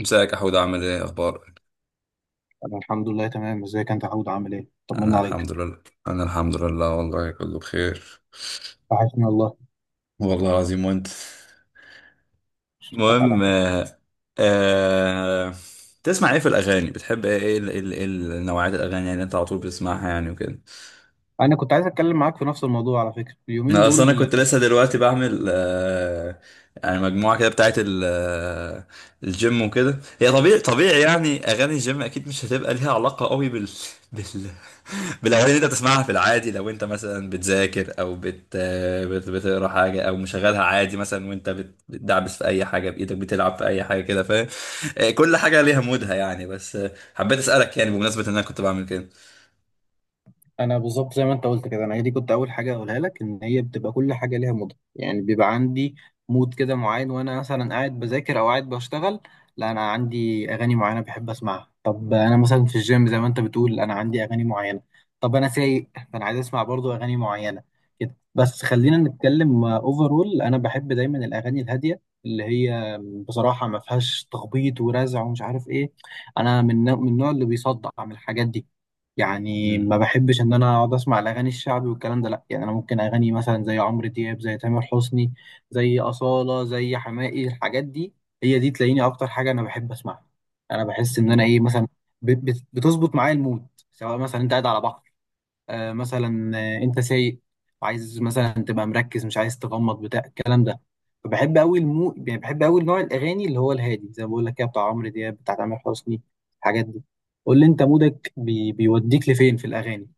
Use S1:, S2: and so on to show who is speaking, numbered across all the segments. S1: ازيك يا حود؟ عامل ايه، اخبارك؟
S2: أنا الحمد لله تمام، ازيك أنت يا حود؟ عامل إيه؟
S1: انا
S2: طمنا عليك.
S1: الحمد لله. والله كله بخير.
S2: وحشني والله.
S1: والله العظيم، وانت؟
S2: أشوفك على
S1: المهم،
S2: خير.
S1: آه تسمع ايه في الاغاني؟ بتحب ايه ايه ال- إيه ال- إيه ال- نوعيات الاغاني، يعني انت على طول بتسمعها يعني وكده؟
S2: أنا كنت عايز أتكلم معاك في نفس الموضوع على فكرة اليومين
S1: انا اصلا
S2: دول.
S1: كنت لسه دلوقتي بعمل، يعني مجموعه كده بتاعت الجيم وكده. هي طبيعي طبيعي، يعني اغاني الجيم اكيد مش هتبقى ليها علاقه قوي بال بالاغاني اللي انت بتسمعها في العادي. لو انت مثلا بتذاكر او بتقرا حاجه، او مشغلها عادي مثلا وانت بتدعبس في اي حاجه بايدك، بتلعب في اي حاجه كده، فاهم؟ كل حاجه ليها مودها يعني، بس حبيت اسالك، يعني بمناسبه ان انا كنت بعمل كده.
S2: انا بالظبط زي ما انت قلت كده، انا هي دي كنت اول حاجه اقولها لك، ان هي بتبقى كل حاجه ليها مود، يعني بيبقى عندي مود كده معين وانا مثلا قاعد بذاكر او قاعد بشتغل. لا انا عندي اغاني معينه بحب اسمعها. طب انا مثلا في الجيم زي ما انت بتقول انا عندي اغاني معينه. طب انا سايق فانا عايز اسمع برضو اغاني معينه كده. بس خلينا نتكلم اوفرول، انا بحب دايما الاغاني الهاديه اللي هي بصراحه ما فيهاش تخبيط ورزع ومش عارف ايه. انا من النوع اللي بيصدع من الحاجات دي. يعني ما
S1: مم.
S2: بحبش ان انا اقعد اسمع الاغاني الشعبي والكلام ده. لا يعني انا ممكن اغاني مثلا زي عمرو دياب، زي تامر حسني، زي اصاله، زي حماقي، الحاجات دي هي دي تلاقيني اكتر حاجه انا بحب اسمعها. انا بحس ان انا
S1: مم.
S2: ايه مثلا بتظبط معايا المود. سواء مثلا انت قاعد على بحر، مثلا انت سايق وعايز مثلا تبقى مركز، مش عايز تغمض، بتاع الكلام ده. فبحب قوي المو يعني بحب قوي نوع الاغاني اللي هو الهادي، زي ما بقول لك كده، بتاع عمرو دياب، بتاع تامر حسني، الحاجات دي. قول لي انت مودك بيوديك لفين في الاغاني؟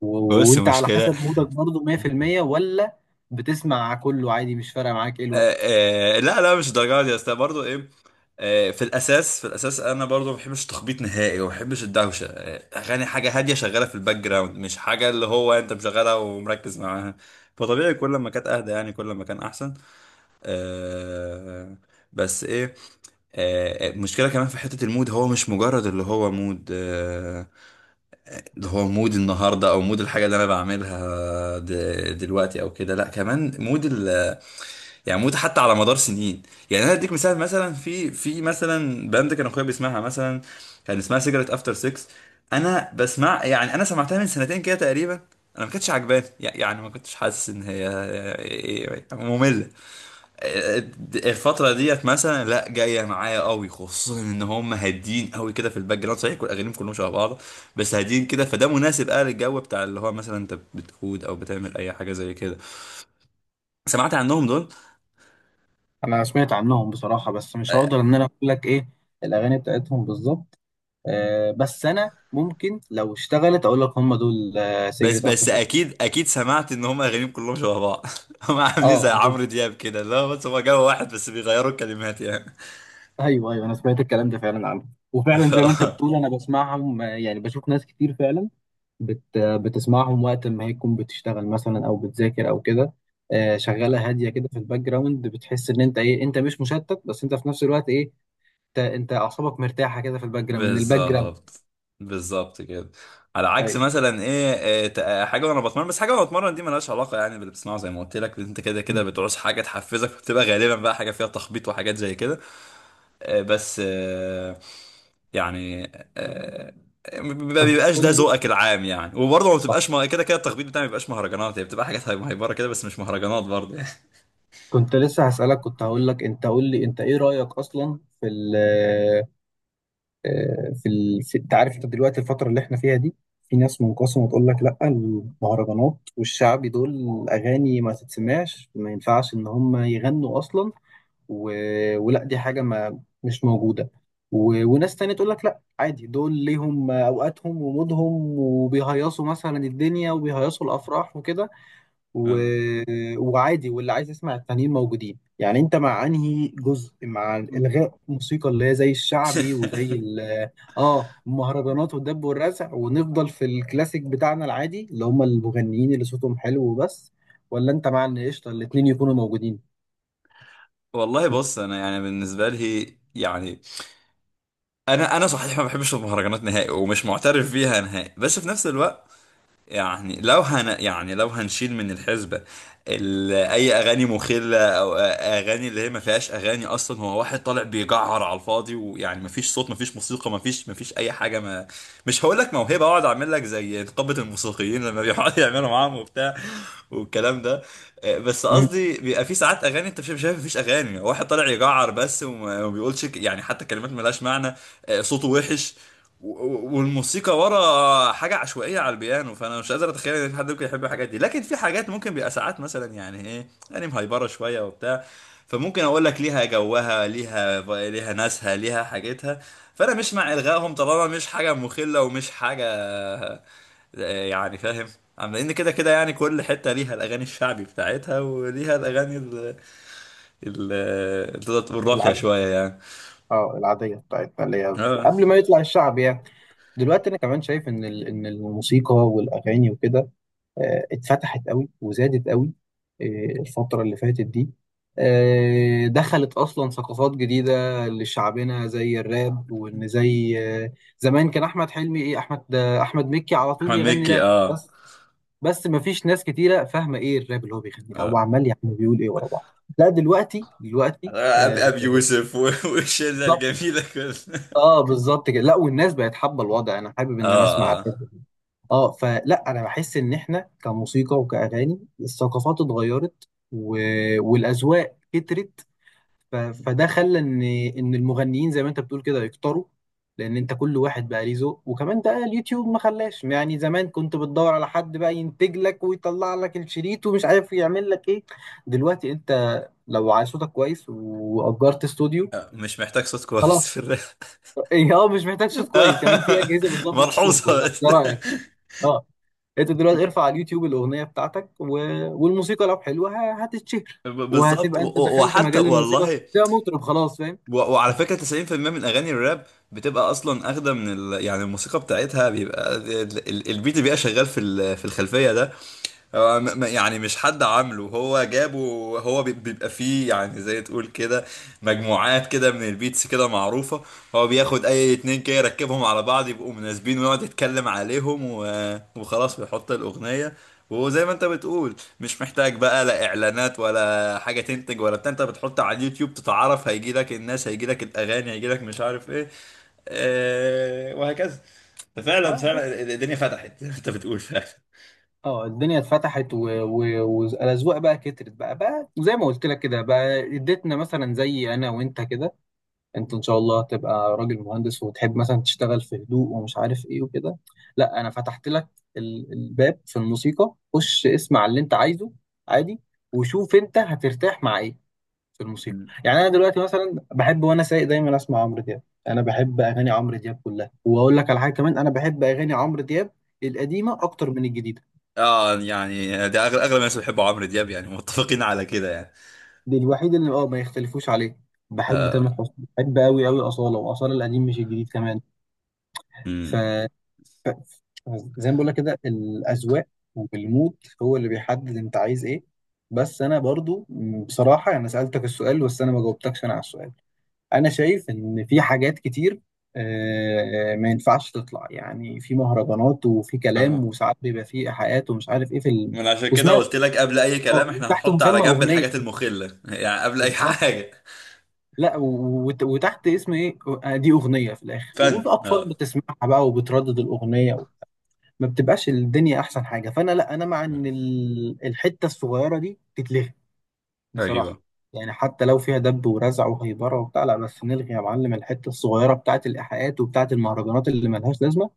S2: و...
S1: بص،
S2: وانت على
S1: مشكله.
S2: حسب مودك برضه 100% ولا بتسمع كله عادي، مش فارقه معاك ايه الوقت؟
S1: آه، لا لا، مش الدرجه دي، بس برضه ايه، في الاساس، انا برضه ما بحبش التخبيط نهائي، وما بحبش الدوشه. اغاني حاجه هاديه شغاله في الباك جراوند، مش حاجه اللي هو انت مشغلها ومركز معاها. فطبيعي، كل ما كانت اهدى يعني كل ما كان احسن. آه، بس ايه، المشكلة كمان في حتة المود، هو مش مجرد اللي هو مود. اللي هو مود النهاردة أو مود الحاجة اللي أنا بعملها دلوقتي أو كده، لأ، كمان مود، يعني موت حتى على مدار سنين. يعني انا اديك مثال، مثلا في مثلا باند كان اخويا بيسمعها، مثلا كان اسمها سيجرت افتر 6. انا بسمع يعني انا سمعتها من سنتين كده تقريبا. انا ما كانتش عجباني، يعني ما كنتش حاسس ان هي ممله. الفتره ديت مثلا، لا، جايه معايا قوي، خصوصا ان هم هادين قوي كده في الباك جراوند. صحيح كل اغانيهم كلهم شبه بعض، بس هادين كده، فده مناسب قوي للجو بتاع اللي هو مثلا انت بتقود او بتعمل اي حاجه زي كده. سمعت عنهم دول؟
S2: انا سمعت عنهم بصراحه، بس مش هقدر ان انا اقول لك ايه الاغاني بتاعتهم بالظبط. آه بس انا ممكن لو اشتغلت اقول لك هم دول، آه
S1: بس
S2: سيجرت افتر.
S1: بس اكيد اكيد سمعت ان هم اغانيهم كلهم شبه بعض. هم عاملين زي
S2: اه
S1: عمرو دياب كده، لا بس هم جابوا واحد بس بيغيروا الكلمات يعني.
S2: ايوه ايوه، انا سمعت الكلام ده فعلا عنه. وفعلا زي ما انت بتقول انا بسمعهم، يعني بشوف ناس كتير فعلا بت آه، بتسمعهم وقت ما هي تكون بتشتغل مثلا او بتذاكر او كده. شغاله هاديه كده في الباك جراوند، بتحس ان انت ايه، انت مش مشتت، بس انت في نفس الوقت ايه، انت اعصابك مرتاحه كده في الباك جراوند من الباك جراوند.
S1: بالظبط، بالظبط كده. على عكس
S2: ايوه.
S1: مثلا ايه، إيه، ت- آه، حاجه وانا بتمرن، بس حاجه وانا بتمرن دي ملهاش علاقه يعني باللي بتسمعه، زي ما قلت لك انت، كده كده
S2: مم.
S1: بتعوز حاجه تحفزك، بتبقى غالبا بقى حاجه فيها تخبيط وحاجات زي كده. بس، يعني آه، ما
S2: طب
S1: بيبقاش
S2: قول
S1: ده
S2: لي،
S1: ذوقك العام يعني، وبرضه ما
S2: صح
S1: بتبقاش، ما كده كده التخبيط بتاعي ما بيبقاش مهرجانات، هي بتبقى حاجات مهيبره كده بس مش مهرجانات برضه يعني.
S2: كنت لسه هسألك، كنت هقول لك انت قول لي انت ايه رأيك اصلا في ال آه، في ال... في... انت عارف انت دلوقتي الفترة اللي احنا فيها دي، في ناس منقسمة تقول لك لا المهرجانات والشعبي دول أغاني ما تتسمعش، ما ينفعش إن هم يغنوا أصلا، و... ولا دي حاجة ما مش موجودة، وناس تانية تقول لك لا عادي، دول ليهم أوقاتهم ومودهم وبيهيصوا مثلا الدنيا وبيهيصوا الأفراح وكده، و...
S1: آه.
S2: وعادي واللي عايز يسمع التانيين موجودين. يعني انت مع انهي جزء، مع الغاء الموسيقى اللي هي زي الشعبي وزي اه المهرجانات والدب والرزع، ونفضل في الكلاسيك بتاعنا العادي اللي هم المغنيين اللي صوتهم حلو وبس؟ ولا انت مع ان قشطه الاتنين يكونوا موجودين؟
S1: والله بص، انا يعني بالنسبه لي يعني انا صحيح ما بحبش المهرجانات نهائي، ومش معترف بيها نهائي، بس في نفس الوقت يعني لو هن يعني لو هنشيل من الحسبة اي اغاني مخلة، او اغاني اللي هي ما فيهاش اغاني اصلا، هو واحد طالع بيجعر على الفاضي ويعني ما فيش صوت ما فيش موسيقى ما فيش اي حاجة ما. مش هقول لك موهبه اقعد اعمل لك زي نقابه الموسيقيين لما بيقعدوا يعملوا معاهم وبتاع والكلام ده. بس
S2: مم.
S1: قصدي بيبقى في ساعات اغاني انت مش شايف، مفيش اغاني، واحد طالع يجعر بس وما بيقولش، يعني حتى كلمات ملهاش معنى. صوته وحش، والموسيقى ورا حاجه عشوائيه على البيانو. فانا مش قادر اتخيل ان في حد ممكن يحب الحاجات دي، لكن في حاجات ممكن بيبقى ساعات مثلا، يعني ايه، يعني مهيبره شويه وبتاع. فممكن اقول لك ليها جوها، ليها ناسها ليها حاجتها. فانا مش مع الغائهم طالما مش حاجه مخله ومش حاجه، يعني فاهم. لان كده كده يعني كل حته ليها الاغاني الشعبي بتاعتها، وليها الاغاني ال ال اللي تقدر تقول راقيه
S2: العادية.
S1: شويه يعني.
S2: اه العادية بتاعتنا اللي هي
S1: اه.
S2: قبل ما يطلع الشعب يعني. دلوقتي انا كمان شايف ان ان الموسيقى والاغاني وكده اتفتحت قوي وزادت قوي آه، الفترة اللي فاتت دي. دخلت أصلا ثقافات جديدة لشعبنا زي الراب، وإن زي آه، زمان كان أحمد حلمي إيه، أحمد أحمد مكي على طول
S1: احمد
S2: يغني
S1: مكي،
S2: راب.
S1: اه.
S2: بس بس مفيش ناس كتيرة فاهمة إيه الراب اللي هو بيغني ده، هو
S1: اه،
S2: عمال يا عم بيقول إيه ورا بعض. لا دلوقتي
S1: ابي أبي يوسف والشله
S2: بالظبط.
S1: الجميله كلها.
S2: اه بالظبط كده، لا والناس بقت حابة الوضع، أنا حابب
S1: اه،
S2: إن أنا أسمع.
S1: اه.
S2: اه فلا انا بحس ان احنا كموسيقى وكاغاني الثقافات اتغيرت والاذواق كترت. فده خلى ان المغنيين زي ما انت بتقول كده يكتروا، لان انت كل واحد بقى ليه ذوق، وكمان ده اليوتيوب ما خلاش، يعني زمان كنت بتدور على حد بقى ينتج لك ويطلع لك الشريط ومش عارف يعمل لك ايه. دلوقتي انت لو عايز صوتك كويس واجرت استوديو
S1: مش محتاج صوت كويس
S2: خلاص.
S1: في الراب.
S2: إيه، اه مش محتاج صوت كويس، كمان في اجهزه بتظبط الصوت، ولا
S1: ملحوظه بس.
S2: إيه رايك؟ اه انت دلوقتي ارفع على اليوتيوب الاغنيه بتاعتك والموسيقى لو حلوه هتتشهر،
S1: بالظبط، و-
S2: وهتبقى انت
S1: و-
S2: دخلت
S1: وحتى
S2: مجال الموسيقى
S1: والله،
S2: ده، مطرب خلاص، فاهم.
S1: وعلى فكرة 90% من أغاني الراب بتبقى أصلا أخدة من يعني الموسيقى بتاعتها بيبقى البيت اللي بيبقى شغال في الخلفية ده، هو يعني مش حد عامله، هو جابه. هو بيبقى فيه يعني، زي تقول كده مجموعات كده من البيتس كده معروفة. هو بياخد اي اتنين كده يركبهم على بعض يبقوا مناسبين، ويقعد يتكلم عليهم، وخلاص بيحط الأغنية. وزي ما انت بتقول، مش محتاج بقى لا اعلانات ولا حاجة تنتج ولا بتاع، انت بتحط على اليوتيوب، تتعرف، هيجي لك الناس، هيجي لك الاغاني، هيجي لك مش عارف ايه، وهكذا. ففعلا
S2: اه بس،
S1: فعلا الدنيا فتحت، زي ما انت بتقول فعلا.
S2: اه الدنيا اتفتحت والاذواق بقى كترت بقى، بقى زي ما قلت لك كده، بقى اديتنا مثلا زي انا وانت كده، انت ان شاء الله تبقى راجل مهندس وتحب مثلا تشتغل في هدوء ومش عارف ايه وكده. لا انا فتحت لك الباب في الموسيقى، خش اسمع اللي انت عايزه عادي، وشوف انت هترتاح مع ايه في الموسيقى. يعني انا دلوقتي مثلا بحب وانا سايق دايما اسمع عمرو دياب. انا بحب اغاني عمرو دياب كلها، واقول لك على حاجه كمان، انا بحب اغاني عمرو دياب القديمه اكتر من الجديده.
S1: اه، يعني ده اغلب اغلب الناس بيحبوا عمرو دياب، يعني متفقين على كده يعني.
S2: دي الوحيد اللي اه ما يختلفوش عليه. بحب تامر
S1: آه.
S2: حسني، بحب قوي قوي اصاله، واصاله القديم مش الجديد كمان. ف
S1: امم.
S2: زي ما بقول لك كده الاذواق والمود هو اللي بيحدد انت عايز ايه. بس انا برضو بصراحه انا سالتك السؤال بس انا ما جاوبتكش انا على السؤال. انا شايف ان في حاجات كتير ما ينفعش تطلع، يعني في مهرجانات وفي كلام
S1: اها.
S2: وساعات بيبقى في ايحاءات ومش عارف ايه في
S1: عشان كده
S2: واسمها
S1: قلت لك قبل اي
S2: اه،
S1: كلام احنا
S2: وتحت
S1: هنحط على
S2: مسمى
S1: جنب
S2: اغنيه،
S1: الحاجات المخلة يعني قبل اي
S2: بالظبط.
S1: حاجة.
S2: لا وتحت اسم ايه، دي اغنيه في الاخر،
S1: فن،
S2: وفي اطفال
S1: اه.
S2: بتسمعها بقى وبتردد الاغنيه ما بتبقاش الدنيا احسن حاجه. فانا لا، انا مع ان الحته الصغيره دي تتلغي، بصراحة.
S1: ايوه،
S2: يعني حتى لو فيها دب ورزع وهيبرة وبتاع، لا بس نلغي يا معلم الحتة الصغيرة بتاعة الإيحاءات وبتاعة المهرجانات اللي ملهاش لازمة.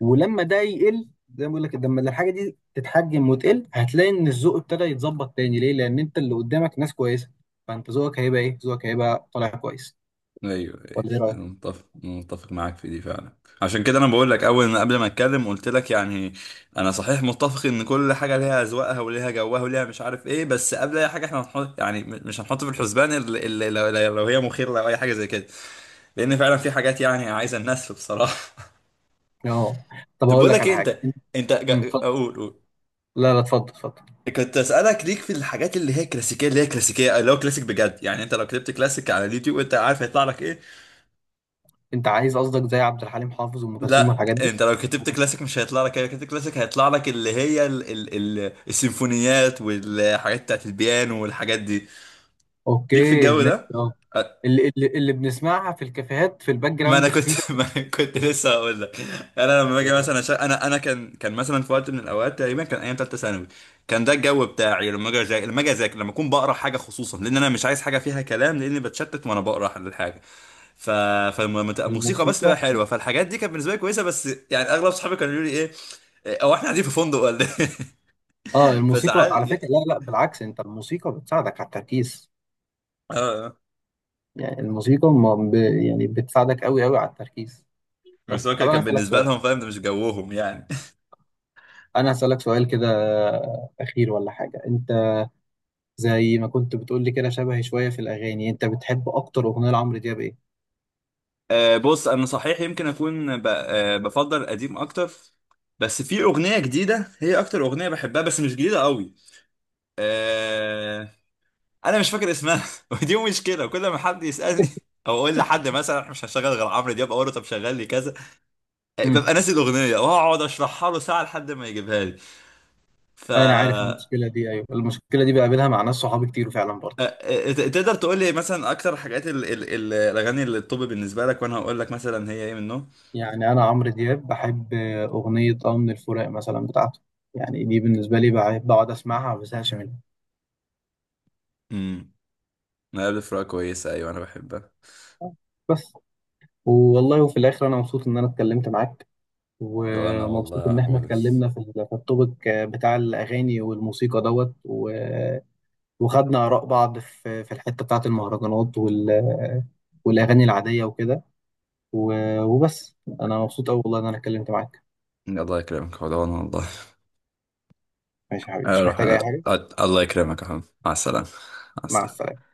S2: ولما ده يقل، زي ما بقول لك، لما الحاجة دي تتحجم وتقل، هتلاقي إن الذوق ابتدى يتظبط تاني. ليه؟ لأن أنت اللي قدامك ناس كويسة، فأنت ذوقك هيبقى إيه؟ ذوقك هيبقى طالع كويس.
S1: ايوه، ايوه،
S2: ولا إيه رأيك؟
S1: متفق متفق معاك في دي فعلا، عشان كده انا بقول لك، اول ما قبل ما اتكلم قلت لك، يعني انا صحيح متفق ان كل حاجه ليها اذواقها وليها جوها وليها مش عارف ايه، بس قبل اي حاجه احنا هنحط، يعني مش هنحط في الحسبان، إلا لو هي مخيره او اي حاجه زي كده، لان فعلا في حاجات يعني عايزه النسف بصراحه.
S2: أه. طب
S1: طب
S2: هقول
S1: بقول
S2: لك
S1: لك
S2: على
S1: ايه، انت
S2: حاجة.
S1: انت
S2: أمم، اتفضل.
S1: اقول، قول.
S2: لا لا اتفضل اتفضل.
S1: كنت اسالك، ليك في الحاجات اللي هو كلاسيك بجد، يعني انت لو كتبت كلاسيك على اليوتيوب انت عارف هيطلع لك ايه؟
S2: أنت عايز قصدك زي عبد الحليم حافظ وأم كلثوم
S1: لا،
S2: والحاجات دي؟
S1: انت لو كتبت كلاسيك مش هيطلع لك ايه، لو كتبت كلاسيك هيطلع لك اللي هي السيمفونيات والحاجات بتاعت البيانو والحاجات دي. ليك في
S2: اوكي
S1: الجو
S2: ماشي
S1: ده؟
S2: اه. اللي بنسمعها في الكافيهات في الباك
S1: ما انا
S2: جراوند
S1: كنت
S2: خفيفه.
S1: ما أنا كنت لسه هقول لك. انا لما باجي
S2: أيوة.
S1: مثلا انا كان مثلا في وقت من الاوقات، تقريبا كان ايام ثالثه ثانوي، كان ده الجو بتاعي لما اجي اذاكر، لما اكون بقرا حاجه، خصوصا لان انا مش عايز حاجه فيها كلام لاني بتشتت وانا بقرا الحاجه. ف فالموسيقى بس تبقى
S2: الموسيقى.
S1: حلوه، فالحاجات دي كانت بالنسبه لي كويسه. بس يعني اغلب صحابي كانوا يقولوا لي ايه، هو احنا قاعدين في فندق ولا ايه؟
S2: اه الموسيقى
S1: فساعات
S2: على فكره، لا لا بالعكس، انت الموسيقى بتساعدك على التركيز.
S1: اه. آه.
S2: يعني الموسيقى ما ب... يعني بتساعدك قوي قوي على التركيز. بس
S1: بس هو
S2: طب
S1: كان
S2: انا
S1: كان
S2: هسالك
S1: بالنسبه
S2: سؤال،
S1: لهم، فاهم، ده مش جوهم يعني.
S2: كده اخير ولا حاجه، انت زي ما كنت بتقول لي كده شبهي شويه في الاغاني، انت بتحب اكتر اغنيه لعمرو دياب ايه؟
S1: بص انا صحيح يمكن اكون بفضل قديم اكتر، بس في اغنيه جديده هي اكتر اغنيه بحبها، بس مش جديده قوي. آه، انا مش فاكر اسمها ودي مشكله، كل ما حد يسالني او اقول لحد مثلا احنا مش هشغل غير عمرو دياب، اقول له طب شغل لي كذا،
S2: امم.
S1: ببقى ناسي الاغنيه، واقعد اشرحها له ساعه لحد ما يجيبها لي. ف
S2: انا عارف
S1: آه،
S2: المشكله دي، ايوه المشكله دي بقابلها مع ناس صحابي كتير فعلا برضه.
S1: آه، تقدر تقول لي مثلا اكتر حاجات الاغاني اللي الطب بالنسبه لك، وانا هقول لك مثلا هي ايه منهم.
S2: يعني أنا عمرو دياب بحب أغنية آه من الفراق مثلا بتاعته، يعني دي بالنسبة لي بقعد أسمعها ما بزهقش منها.
S1: امم. ما قبل فراق كويسه، ايوه انا بحبها.
S2: بس، والله وفي الآخر أنا مبسوط إن أنا اتكلمت معاك،
S1: وانا
S2: ومبسوط
S1: والله يا
S2: إن إحنا
S1: حود.
S2: اتكلمنا في في التوبيك بتاع الأغاني والموسيقى دوت وخدنا آراء بعض في في الحتة بتاعة المهرجانات والأغاني العادية وكده. وبس أنا مبسوط أوي والله إن أنا اتكلمت معاك.
S1: الله يكرمك حود، وانا والله.
S2: ماشي يا حبيبي، مش
S1: اروح
S2: محتاج
S1: أنا...
S2: أي حاجة.
S1: الله يكرمك يا حود، مع السلامة. مع
S2: مع
S1: السلامة.
S2: السلامة.